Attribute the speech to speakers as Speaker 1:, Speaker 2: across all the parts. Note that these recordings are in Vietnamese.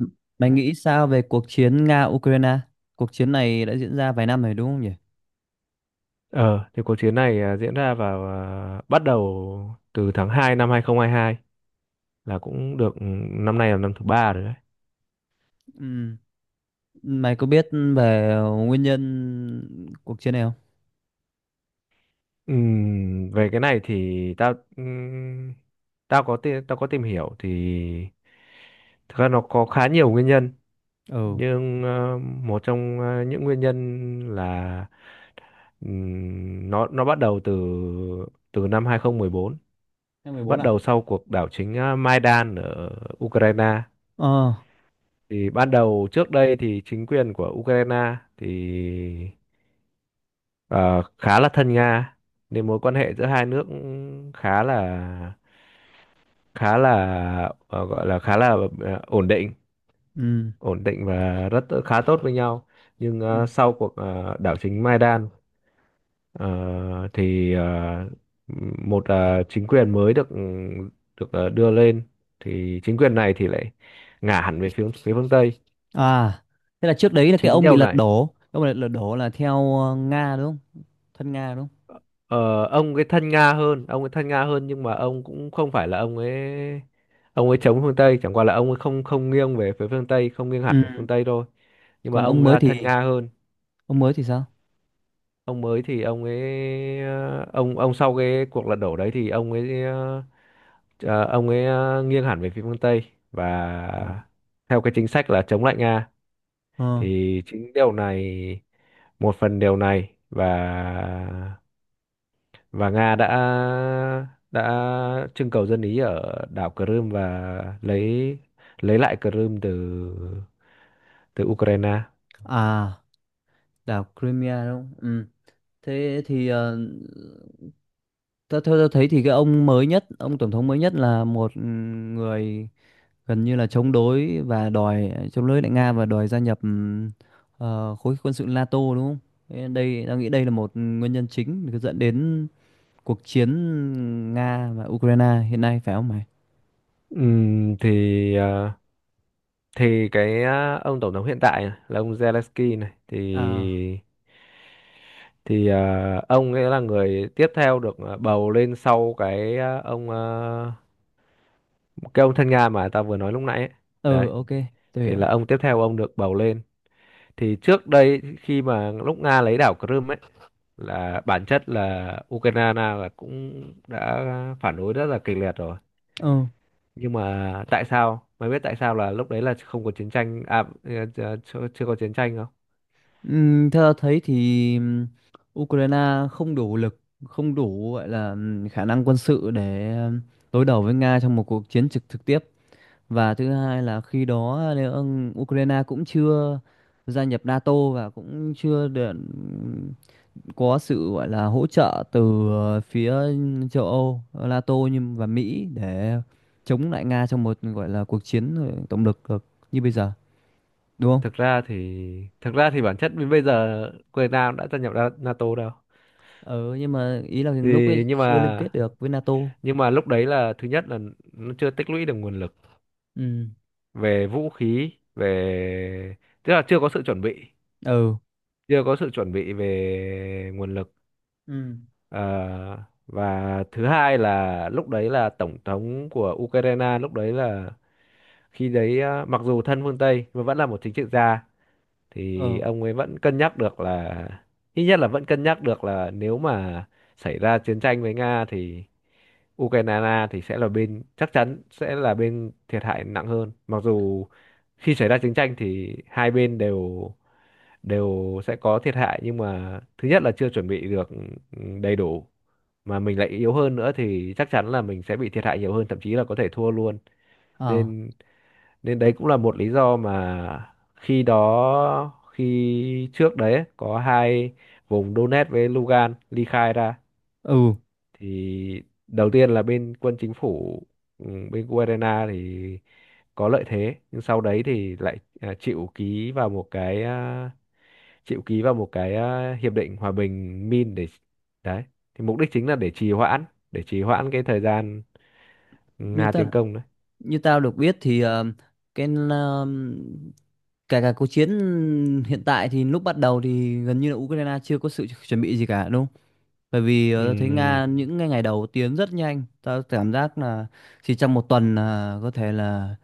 Speaker 1: Ừ. Bạn nghĩ sao về cuộc chiến Nga-Ukraine? Cuộc chiến này đã diễn ra vài năm rồi đúng không nhỉ?
Speaker 2: Ờ, thì cuộc chiến này diễn ra bắt đầu từ tháng 2 năm 2022 là cũng được năm nay là năm thứ 3 rồi đấy.
Speaker 1: Ừ. Mày có biết về nguyên nhân cuộc chiến này không?
Speaker 2: Về cái này thì tao tao có tìm hiểu thì thực ra nó có khá nhiều nguyên nhân,
Speaker 1: Ừ.
Speaker 2: nhưng một trong những nguyên nhân là, nó bắt đầu từ, năm 2014,
Speaker 1: Năm 14
Speaker 2: bắt
Speaker 1: à?
Speaker 2: đầu sau cuộc đảo chính Maidan ở Ukraine.
Speaker 1: Ờ.
Speaker 2: Thì ban đầu trước đây thì chính quyền của Ukraine thì ờ, khá là thân Nga, nên mối quan hệ giữa 2 nước cũng khá là, khá là gọi là khá là, ổn định,
Speaker 1: Ừ.
Speaker 2: và rất khá tốt với nhau, nhưng
Speaker 1: Ừ.
Speaker 2: sau cuộc đảo chính Maidan, ờ, thì một chính quyền mới được được ờ, đưa lên. Thì chính quyền này thì lại ngả hẳn về phía phía phương Tây.
Speaker 1: À, thế là trước đấy là cái
Speaker 2: Chính
Speaker 1: ông bị
Speaker 2: điều
Speaker 1: lật
Speaker 2: này.
Speaker 1: đổ. Cái ông bị lật đổ là theo Nga đúng không? Thân Nga đúng không?
Speaker 2: Ờ, ông ấy thân Nga hơn, ông ấy thân Nga hơn, nhưng mà ông cũng không phải là ông ấy, chống phương Tây, chẳng qua là ông ấy không không nghiêng về phía phương Tây, không nghiêng hẳn
Speaker 1: Ừ.
Speaker 2: về phương Tây thôi. Nhưng mà
Speaker 1: Còn
Speaker 2: ông
Speaker 1: ông mới thì
Speaker 2: thân Nga hơn.
Speaker 1: ông mới thì sao?
Speaker 2: Ông mới thì ông ấy ờ, ông sau cái cuộc lật đổ đấy thì ông ấy ờ, ờ, ông ấy ờ, nghiêng hẳn về phía phương Tây,
Speaker 1: Ồ.
Speaker 2: và theo cái chính sách là chống lại Nga,
Speaker 1: Ờ.
Speaker 2: thì chính điều này, một phần điều này, và Nga đã, đã trưng cầu dân Ý ở đảo Crimea, và lấy lại Crimea từ từ Ukraine.
Speaker 1: À, đảo Crimea đúng không? Ừ. Thế thì theo tôi thấy thì cái ông mới nhất, ông tổng thống mới nhất là một người gần như là chống đối và đòi chống đối lại Nga và đòi gia nhập khối quân sự NATO đúng không? Thế đây, tao nghĩ đây là một nguyên nhân chính để dẫn đến cuộc chiến Nga và Ukraine hiện nay phải không mày?
Speaker 2: Ừm, thì ờ, thì cái ông tổng thống hiện tại này, là ông Zelensky này
Speaker 1: À,
Speaker 2: thì ờ, ông ấy là người tiếp theo được bầu lên sau cái ông, cái ông thân Nga mà ta vừa nói lúc nãy ấy.
Speaker 1: ừ,
Speaker 2: Đấy,
Speaker 1: ok, tôi
Speaker 2: thì
Speaker 1: hiểu.
Speaker 2: là ông tiếp theo được bầu lên. Thì trước đây khi mà lúc Nga lấy đảo Crimea ấy, là bản chất là Ukraine là cũng đã phản đối rất là kịch liệt rồi,
Speaker 1: Ừ,
Speaker 2: nhưng mà tại sao mày biết, tại sao là lúc đấy là không có chiến tranh à, chưa có chiến tranh, không?
Speaker 1: theo tao thấy thì Ukraine không đủ lực, không đủ gọi là khả năng quân sự để đối đầu với Nga trong một cuộc chiến trực trực tiếp. Và thứ hai là khi đó nếu Ukraine cũng chưa gia nhập NATO và cũng chưa được có sự gọi là hỗ trợ từ phía châu Âu, NATO nhưng và Mỹ để chống lại Nga trong một gọi là cuộc chiến tổng lực được như bây giờ, đúng không?
Speaker 2: Thực ra thì thực ra thì bản chất đến bây giờ Ukraine cũng đã gia nhập NATO đâu.
Speaker 1: Ừ, nhưng mà ý là
Speaker 2: Thì,
Speaker 1: lúc ấy
Speaker 2: nhưng
Speaker 1: chưa liên
Speaker 2: mà
Speaker 1: kết được với NATO.
Speaker 2: nhưng mà lúc đấy là, thứ nhất là nó chưa tích lũy được nguồn lực
Speaker 1: Ừ.
Speaker 2: về vũ khí, về, tức là chưa có sự chuẩn bị,
Speaker 1: Ừ.
Speaker 2: chưa có sự chuẩn bị về nguồn lực.
Speaker 1: Ừ.
Speaker 2: Ờ, và thứ hai là, lúc đấy là tổng thống của Ukraine lúc đấy là, khi đấy mặc dù thân phương Tây nhưng mà vẫn là một chính trị gia, thì
Speaker 1: Ờ.
Speaker 2: ông ấy vẫn cân nhắc được là, ít nhất là vẫn cân nhắc được là nếu mà xảy ra chiến tranh với Nga thì Ukraine thì sẽ là bên, chắc chắn sẽ là bên thiệt hại nặng hơn. Mặc dù khi xảy ra chiến tranh thì 2 bên đều, sẽ có thiệt hại, nhưng mà thứ nhất là chưa chuẩn bị được, đầy đủ, mà mình lại yếu hơn nữa thì chắc chắn là mình sẽ bị thiệt hại nhiều hơn, thậm chí là có thể thua luôn.
Speaker 1: Ờ.
Speaker 2: Nên, đấy cũng là một lý do mà khi đó, khi trước đấy ấy, có 2 vùng Donetsk với Lugan ly khai ra.
Speaker 1: Ừ.
Speaker 2: Thì đầu tiên là bên quân chính phủ, ừ, bên Ukraine thì có lợi thế, nhưng sau đấy thì lại chịu ký vào một cái chịu ký vào một cái à, hiệp định hòa bình Min để, đấy thì mục đích chính là để trì hoãn, cái thời gian
Speaker 1: như
Speaker 2: Nga
Speaker 1: ta
Speaker 2: tiến công đấy.
Speaker 1: Như tao được biết thì cái cả cả cuộc chiến hiện tại thì lúc bắt đầu thì gần như là Ukraine chưa có sự chuẩn bị gì cả đúng không? Bởi vì tao thấy
Speaker 2: Ừm,
Speaker 1: Nga những ngày ngày đầu tiến rất nhanh, tao cảm giác là chỉ trong một tuần là có thể là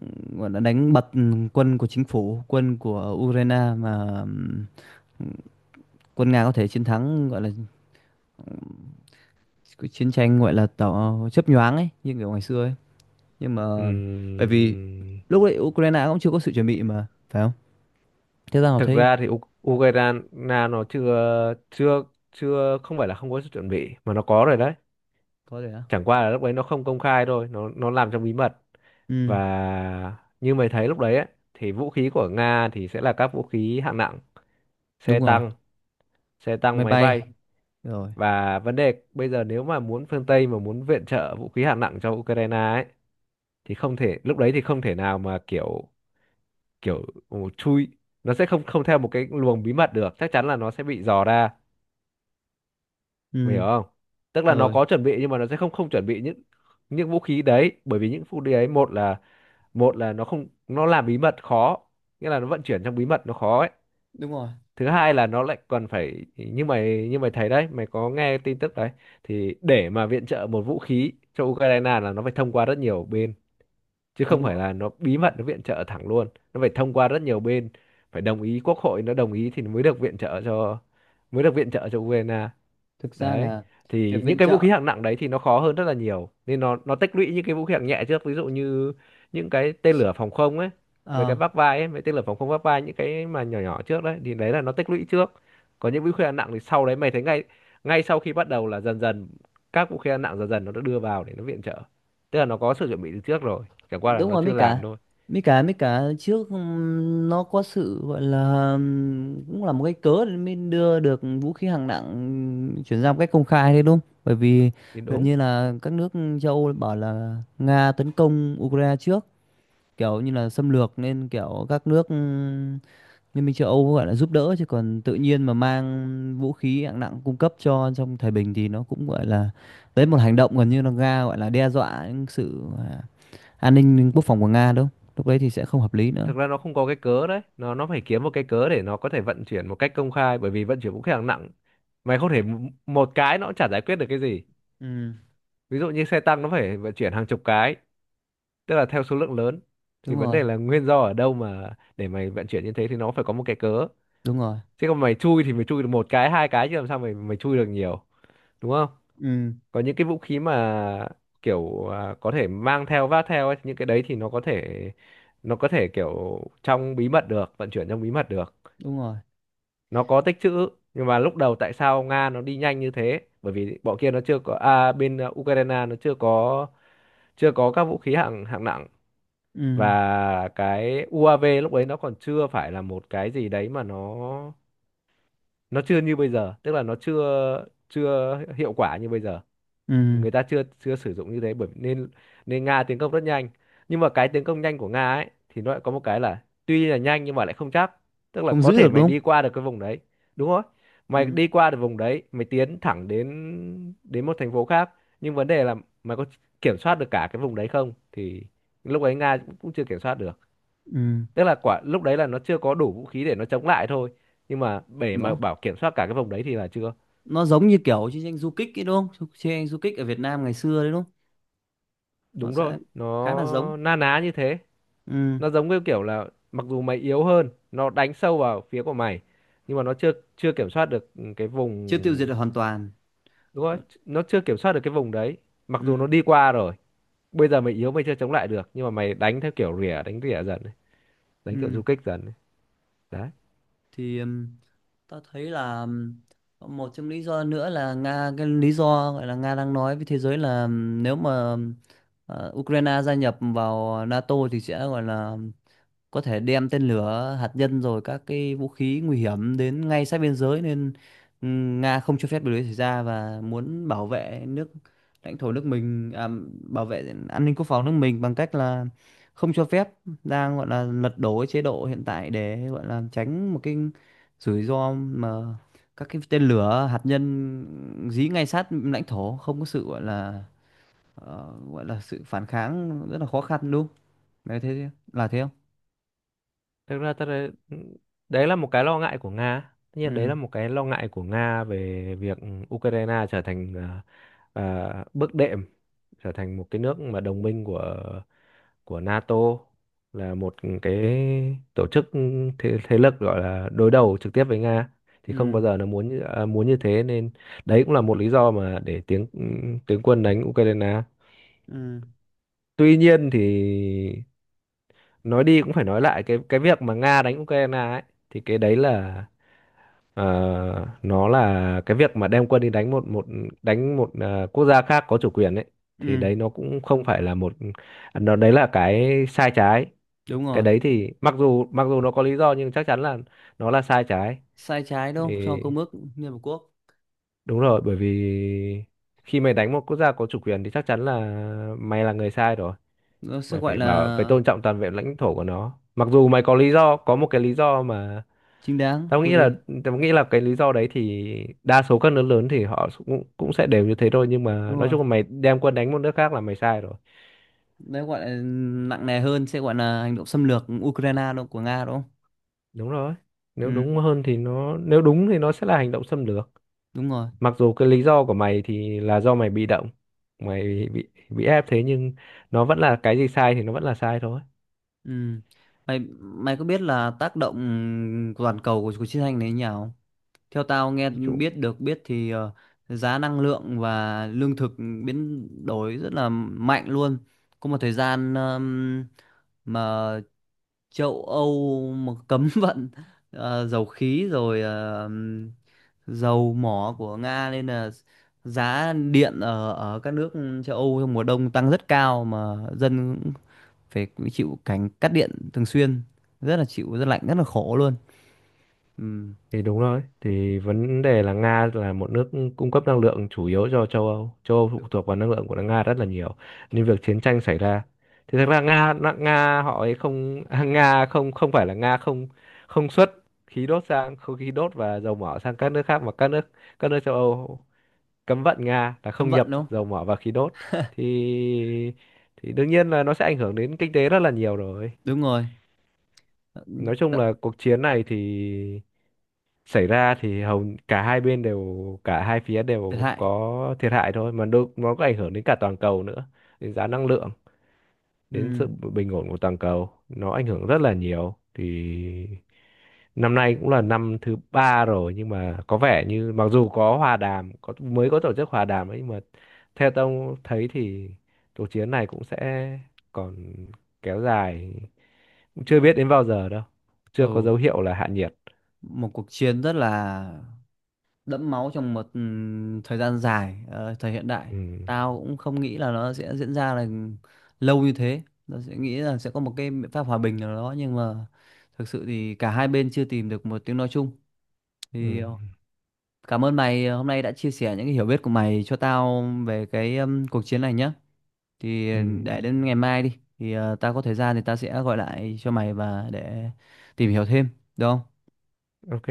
Speaker 1: gọi là đánh bật quân của chính phủ, quân của Ukraine mà quân Nga có thể chiến thắng gọi là cái chiến tranh gọi là tỏ chớp nhoáng ấy như kiểu ngày xưa ấy nhưng mà bởi vì
Speaker 2: ừm,
Speaker 1: lúc đấy Ukraine cũng chưa có sự chuẩn bị mà phải không? Thế ra họ
Speaker 2: Thực
Speaker 1: thấy
Speaker 2: ra thì Ukraine nó chưa chưa chưa không phải là không có sự chuẩn bị, mà nó có rồi đấy,
Speaker 1: có thể á.
Speaker 2: chẳng qua là lúc đấy nó không công khai thôi, nó làm trong bí mật.
Speaker 1: Ừ.
Speaker 2: Và như mày thấy lúc đấy ấy, thì vũ khí của Nga thì sẽ là các vũ khí hạng nặng, xe
Speaker 1: Đúng rồi.
Speaker 2: tăng,
Speaker 1: Máy
Speaker 2: máy
Speaker 1: bay.
Speaker 2: bay.
Speaker 1: Rồi.
Speaker 2: Và vấn đề bây giờ, nếu mà muốn, phương Tây mà muốn viện trợ vũ khí hạng nặng cho Ukraine ấy, thì không thể, lúc đấy thì không thể nào mà kiểu, kiểu chui, nó sẽ không không theo một cái luồng bí mật được, chắc chắn là nó sẽ bị dò ra, mày hiểu
Speaker 1: Ừ.
Speaker 2: không? Tức là nó
Speaker 1: Rồi.
Speaker 2: có chuẩn bị, nhưng mà nó sẽ không không chuẩn bị những vũ khí đấy, bởi vì những vũ khí đấy, một là, nó không, nó làm bí mật khó, nghĩa là nó vận chuyển trong bí mật nó khó ấy.
Speaker 1: Đúng rồi.
Speaker 2: Thứ hai là nó lại còn phải, như mày, thấy đấy, mày có nghe tin tức đấy, thì để mà viện trợ một vũ khí cho Ukraine là nó phải thông qua rất nhiều bên, chứ không
Speaker 1: Đúng
Speaker 2: phải
Speaker 1: rồi.
Speaker 2: là nó bí mật nó viện trợ thẳng luôn, nó phải thông qua rất nhiều bên, phải đồng ý, quốc hội nó đồng ý thì mới được viện trợ cho, mới được viện trợ cho Ukraine.
Speaker 1: Thực ra
Speaker 2: Đấy,
Speaker 1: là việc
Speaker 2: thì những
Speaker 1: viện
Speaker 2: cái vũ
Speaker 1: trợ.
Speaker 2: khí hạng nặng đấy thì nó khó hơn rất là nhiều, nên nó tích lũy những cái vũ khí hạng nhẹ trước, ví dụ như những cái tên lửa phòng không ấy, mấy
Speaker 1: Ờ.
Speaker 2: cái vác vai ấy, mấy tên lửa phòng không vác vai, những cái mà nhỏ nhỏ trước đấy thì đấy là nó tích lũy trước. Còn những vũ khí hạng nặng thì sau đấy mày thấy, ngay ngay sau khi bắt đầu là dần dần các vũ khí hạng nặng dần dần nó đã đưa vào để nó viện trợ, tức là nó có sự chuẩn bị từ trước rồi, chẳng qua là
Speaker 1: Đúng
Speaker 2: nó
Speaker 1: rồi.
Speaker 2: chưa
Speaker 1: mấy cả
Speaker 2: làm thôi.
Speaker 1: mấy cả mấy cả trước nó có sự gọi là cũng là một cái cớ để mới đưa được vũ khí hạng nặng chuyển ra một cách công khai đấy đúng không? Bởi vì
Speaker 2: Thì
Speaker 1: gần
Speaker 2: đúng.
Speaker 1: như là các nước châu Âu bảo là Nga tấn công Ukraine trước kiểu như là xâm lược nên kiểu các nước Liên minh châu Âu gọi là giúp đỡ chứ còn tự nhiên mà mang vũ khí hạng nặng cung cấp cho trong thời bình thì nó cũng gọi là đấy một hành động gần như là Nga gọi là đe dọa những sự an ninh quốc phòng của Nga đúng không? Lúc đấy thì sẽ không hợp lý nữa.
Speaker 2: Thực ra nó không có cái cớ đấy, nó phải kiếm một cái cớ để nó có thể vận chuyển một cách công khai, bởi vì vận chuyển vũ khí hạng nặng, mày không thể một cái nó cũng chả giải quyết được cái gì.
Speaker 1: Ừ,
Speaker 2: Ví dụ như xe tăng, nó phải vận chuyển hàng chục cái, tức là theo số lượng lớn, thì
Speaker 1: đúng
Speaker 2: vấn
Speaker 1: rồi,
Speaker 2: đề là nguyên do ở đâu mà để mày vận chuyển như thế, thì nó phải có một cái cớ.
Speaker 1: đúng rồi.
Speaker 2: Chứ còn mày chui thì mày chui được một cái, 2 cái, chứ làm sao mày mày chui được nhiều, đúng không?
Speaker 1: Ừ,
Speaker 2: Có những cái vũ khí mà kiểu có thể mang theo vác theo ấy, những cái đấy thì nó có thể, kiểu trong bí mật được, vận chuyển trong bí mật được,
Speaker 1: đúng rồi.
Speaker 2: nó có tích trữ. Nhưng mà lúc đầu tại sao Nga nó đi nhanh như thế, bởi vì bọn kia nó chưa có, bên Ukraine nó chưa có, các vũ khí hạng hạng nặng.
Speaker 1: Ừ,
Speaker 2: Và cái UAV lúc đấy nó còn chưa phải là một cái gì đấy mà nó, chưa như bây giờ, tức là nó chưa chưa hiệu quả như bây giờ,
Speaker 1: ừ,
Speaker 2: người ta chưa chưa sử dụng như thế, bởi nên, Nga tiến công rất nhanh. Nhưng mà cái tiến công nhanh của Nga ấy thì nó lại có một cái là tuy là nhanh nhưng mà lại không chắc, tức là
Speaker 1: không giữ
Speaker 2: có thể
Speaker 1: được đúng
Speaker 2: mày
Speaker 1: không?
Speaker 2: đi qua được cái vùng đấy, đúng không? Mày
Speaker 1: Ừ,
Speaker 2: đi qua được vùng đấy, mày tiến thẳng đến, một thành phố khác, nhưng vấn đề là mày có kiểm soát được cả cái vùng đấy không, thì lúc ấy Nga cũng chưa kiểm soát được,
Speaker 1: ừ.
Speaker 2: tức là quả lúc đấy là nó chưa có đủ vũ khí để nó chống lại thôi, nhưng mà để mà
Speaker 1: Nó
Speaker 2: bảo kiểm soát cả cái vùng đấy thì là chưa.
Speaker 1: nó giống như kiểu chiến tranh du kích ấy đúng không? Chiến tranh du kích ở Việt Nam ngày xưa đấy đúng không? Nó
Speaker 2: Đúng rồi,
Speaker 1: sẽ khá là giống.
Speaker 2: nó na ná như thế.
Speaker 1: Ừ.
Speaker 2: Nó giống như kiểu là, mặc dù mày yếu hơn, nó đánh sâu vào phía của mày, nhưng mà nó chưa chưa kiểm soát được cái
Speaker 1: Chưa tiêu diệt
Speaker 2: vùng,
Speaker 1: được hoàn toàn.
Speaker 2: đúng không?
Speaker 1: Còn-
Speaker 2: Nó chưa kiểm soát được cái vùng đấy, mặc
Speaker 1: ừ.
Speaker 2: dù nó đi qua rồi. Bây giờ mày yếu, mày chưa chống lại được, nhưng mà mày đánh theo kiểu rỉa, đánh rỉa dần này, đánh kiểu du
Speaker 1: Ừ.
Speaker 2: kích dần này. Đấy.
Speaker 1: Thì ta thấy là một trong lý do nữa là Nga, cái lý do gọi là Nga đang nói với thế giới là nếu mà Ukraine gia nhập vào NATO thì sẽ gọi là có thể đem tên lửa hạt nhân rồi các cái vũ khí nguy hiểm đến ngay sát biên giới nên Nga không cho phép điều đấy xảy ra và muốn bảo vệ nước lãnh thổ nước mình, bảo vệ an ninh quốc phòng nước mình bằng cách là không cho phép, đang gọi là lật đổ cái chế độ hiện tại để gọi là tránh một cái rủi ro mà các cái tên lửa hạt nhân dí ngay sát lãnh thổ không có sự gọi là gọi là sự phản kháng rất là khó khăn đúng không? Đấy thế là thế không?
Speaker 2: Thực ra ta đấy, đấy là một cái lo ngại của Nga, tất nhiên đấy
Speaker 1: Ừ.
Speaker 2: là một cái lo ngại của Nga về việc Ukraine trở thành bước đệm, trở thành một cái nước mà đồng minh của, NATO là một cái tổ chức, thế, lực gọi là đối đầu trực tiếp với Nga, thì không
Speaker 1: Ừ.
Speaker 2: bao giờ nó muốn như, muốn như thế, nên đấy cũng là một lý do mà để tiếng tướng quân đánh Ukraine.
Speaker 1: Ừ.
Speaker 2: Tuy nhiên thì, nói đi cũng phải nói lại, cái việc mà Nga đánh Ukraine ấy, thì cái đấy là, ờ, nó là cái việc mà đem quân đi đánh một, đánh một quốc gia khác có chủ quyền ấy, thì
Speaker 1: Ừ.
Speaker 2: đấy nó cũng không phải là một, nó đấy là cái sai trái.
Speaker 1: Đúng
Speaker 2: Cái
Speaker 1: rồi.
Speaker 2: đấy thì, mặc dù nó có lý do, nhưng chắc chắn là nó là sai trái.
Speaker 1: Sai trái đâu cho
Speaker 2: Thì
Speaker 1: công ước Liên Hợp Quốc.
Speaker 2: đúng rồi, bởi vì khi mày đánh một quốc gia có chủ quyền thì chắc chắn là mày là người sai rồi,
Speaker 1: Nó sẽ
Speaker 2: mày
Speaker 1: gọi
Speaker 2: phải bảo, phải
Speaker 1: là
Speaker 2: tôn trọng toàn vẹn lãnh thổ của nó, mặc dù mày có lý do, có một cái lý do mà,
Speaker 1: chính đáng
Speaker 2: tao nghĩ là,
Speaker 1: về
Speaker 2: tao nghĩ là cái lý do đấy thì đa số các nước lớn thì họ cũng cũng sẽ đều như thế thôi, nhưng mà
Speaker 1: đúng
Speaker 2: nói
Speaker 1: rồi,
Speaker 2: chung là mày đem quân đánh một nước khác là mày sai rồi.
Speaker 1: đấy gọi là nặng nề hơn sẽ gọi là hành động xâm lược Ukraine đâu của Nga đúng không?
Speaker 2: Đúng rồi, nếu
Speaker 1: Ừ.
Speaker 2: đúng hơn thì nó, nếu đúng thì nó sẽ là hành động xâm lược,
Speaker 1: Đúng rồi.
Speaker 2: mặc dù cái lý do của mày thì là do mày bị động, mày bị ép thế, nhưng nó vẫn là cái gì sai thì nó vẫn là sai thôi.
Speaker 1: Ừ. Mày mày có biết là tác động của toàn cầu của cuộc chiến tranh này như nào? Theo tao nghe
Speaker 2: Nói chung,
Speaker 1: biết được biết thì giá năng lượng và lương thực biến đổi rất là mạnh luôn. Có một thời gian mà châu Âu mà cấm vận dầu khí rồi dầu mỏ của Nga nên là giá điện ở ở các nước châu Âu trong mùa đông tăng rất cao mà dân phải chịu cảnh cắt điện thường xuyên, rất là chịu rất lạnh rất là khổ luôn. Ừ.
Speaker 2: thì đúng rồi, thì vấn đề là Nga là một nước cung cấp năng lượng chủ yếu cho châu Âu, châu Âu phụ thuộc vào năng lượng của Nga rất là nhiều, nên việc chiến tranh xảy ra thì, thật ra Nga Nga họ ấy không, Nga không không phải là Nga không, không xuất khí đốt sang, không, khí đốt và dầu mỏ sang các nước khác, mà các nước, châu Âu cấm vận Nga là
Speaker 1: Cấm
Speaker 2: không nhập
Speaker 1: vận đúng không?
Speaker 2: dầu mỏ và khí đốt, thì thì đương nhiên là nó sẽ ảnh hưởng đến kinh tế rất là nhiều rồi.
Speaker 1: Đúng rồi.
Speaker 2: Nói chung
Speaker 1: Tận.
Speaker 2: là cuộc chiến này thì xảy ra thì hầu cả hai bên đều, cả 2 phía
Speaker 1: Thiệt
Speaker 2: đều
Speaker 1: hại.
Speaker 2: có thiệt hại thôi mà, đôi, nó có ảnh hưởng đến cả toàn cầu nữa, đến giá năng lượng, đến
Speaker 1: Ừ.
Speaker 2: sự bình ổn của toàn cầu, nó ảnh hưởng rất là nhiều. Thì năm nay cũng là năm thứ 3 rồi, nhưng mà có vẻ như mặc dù có hòa đàm, có mới có tổ chức hòa đàm ấy, nhưng mà theo tôi thấy thì cuộc chiến này cũng sẽ còn kéo dài, cũng chưa
Speaker 1: Ờ,
Speaker 2: biết đến bao giờ đâu, chưa có
Speaker 1: ừ.
Speaker 2: dấu hiệu là hạ nhiệt.
Speaker 1: Một cuộc chiến rất là đẫm máu trong một thời gian dài, thời hiện đại.
Speaker 2: Ừ.
Speaker 1: Tao cũng không nghĩ là nó sẽ diễn ra là lâu như thế, nó sẽ nghĩ là sẽ có một cái biện pháp hòa bình nào đó nhưng mà thực sự thì cả hai bên chưa tìm được một tiếng nói chung
Speaker 2: Ừ.
Speaker 1: thì, cảm ơn mày hôm nay đã chia sẻ những cái hiểu biết của mày cho tao về cái cuộc chiến này nhé. Thì
Speaker 2: Ừ.
Speaker 1: để đến ngày mai đi, thì tao có thời gian thì tao sẽ gọi lại cho mày và để tìm hiểu thêm, được không?
Speaker 2: OK,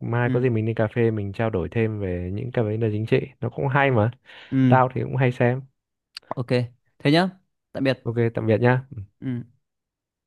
Speaker 2: mai có
Speaker 1: Ừ.
Speaker 2: gì mình đi cà phê mình trao đổi thêm về những cái vấn đề chính trị, nó cũng hay mà.
Speaker 1: Ừ,
Speaker 2: Tao thì cũng hay xem.
Speaker 1: ok. Thế nhá. Tạm biệt.
Speaker 2: OK, tạm biệt nhá.
Speaker 1: Ừ.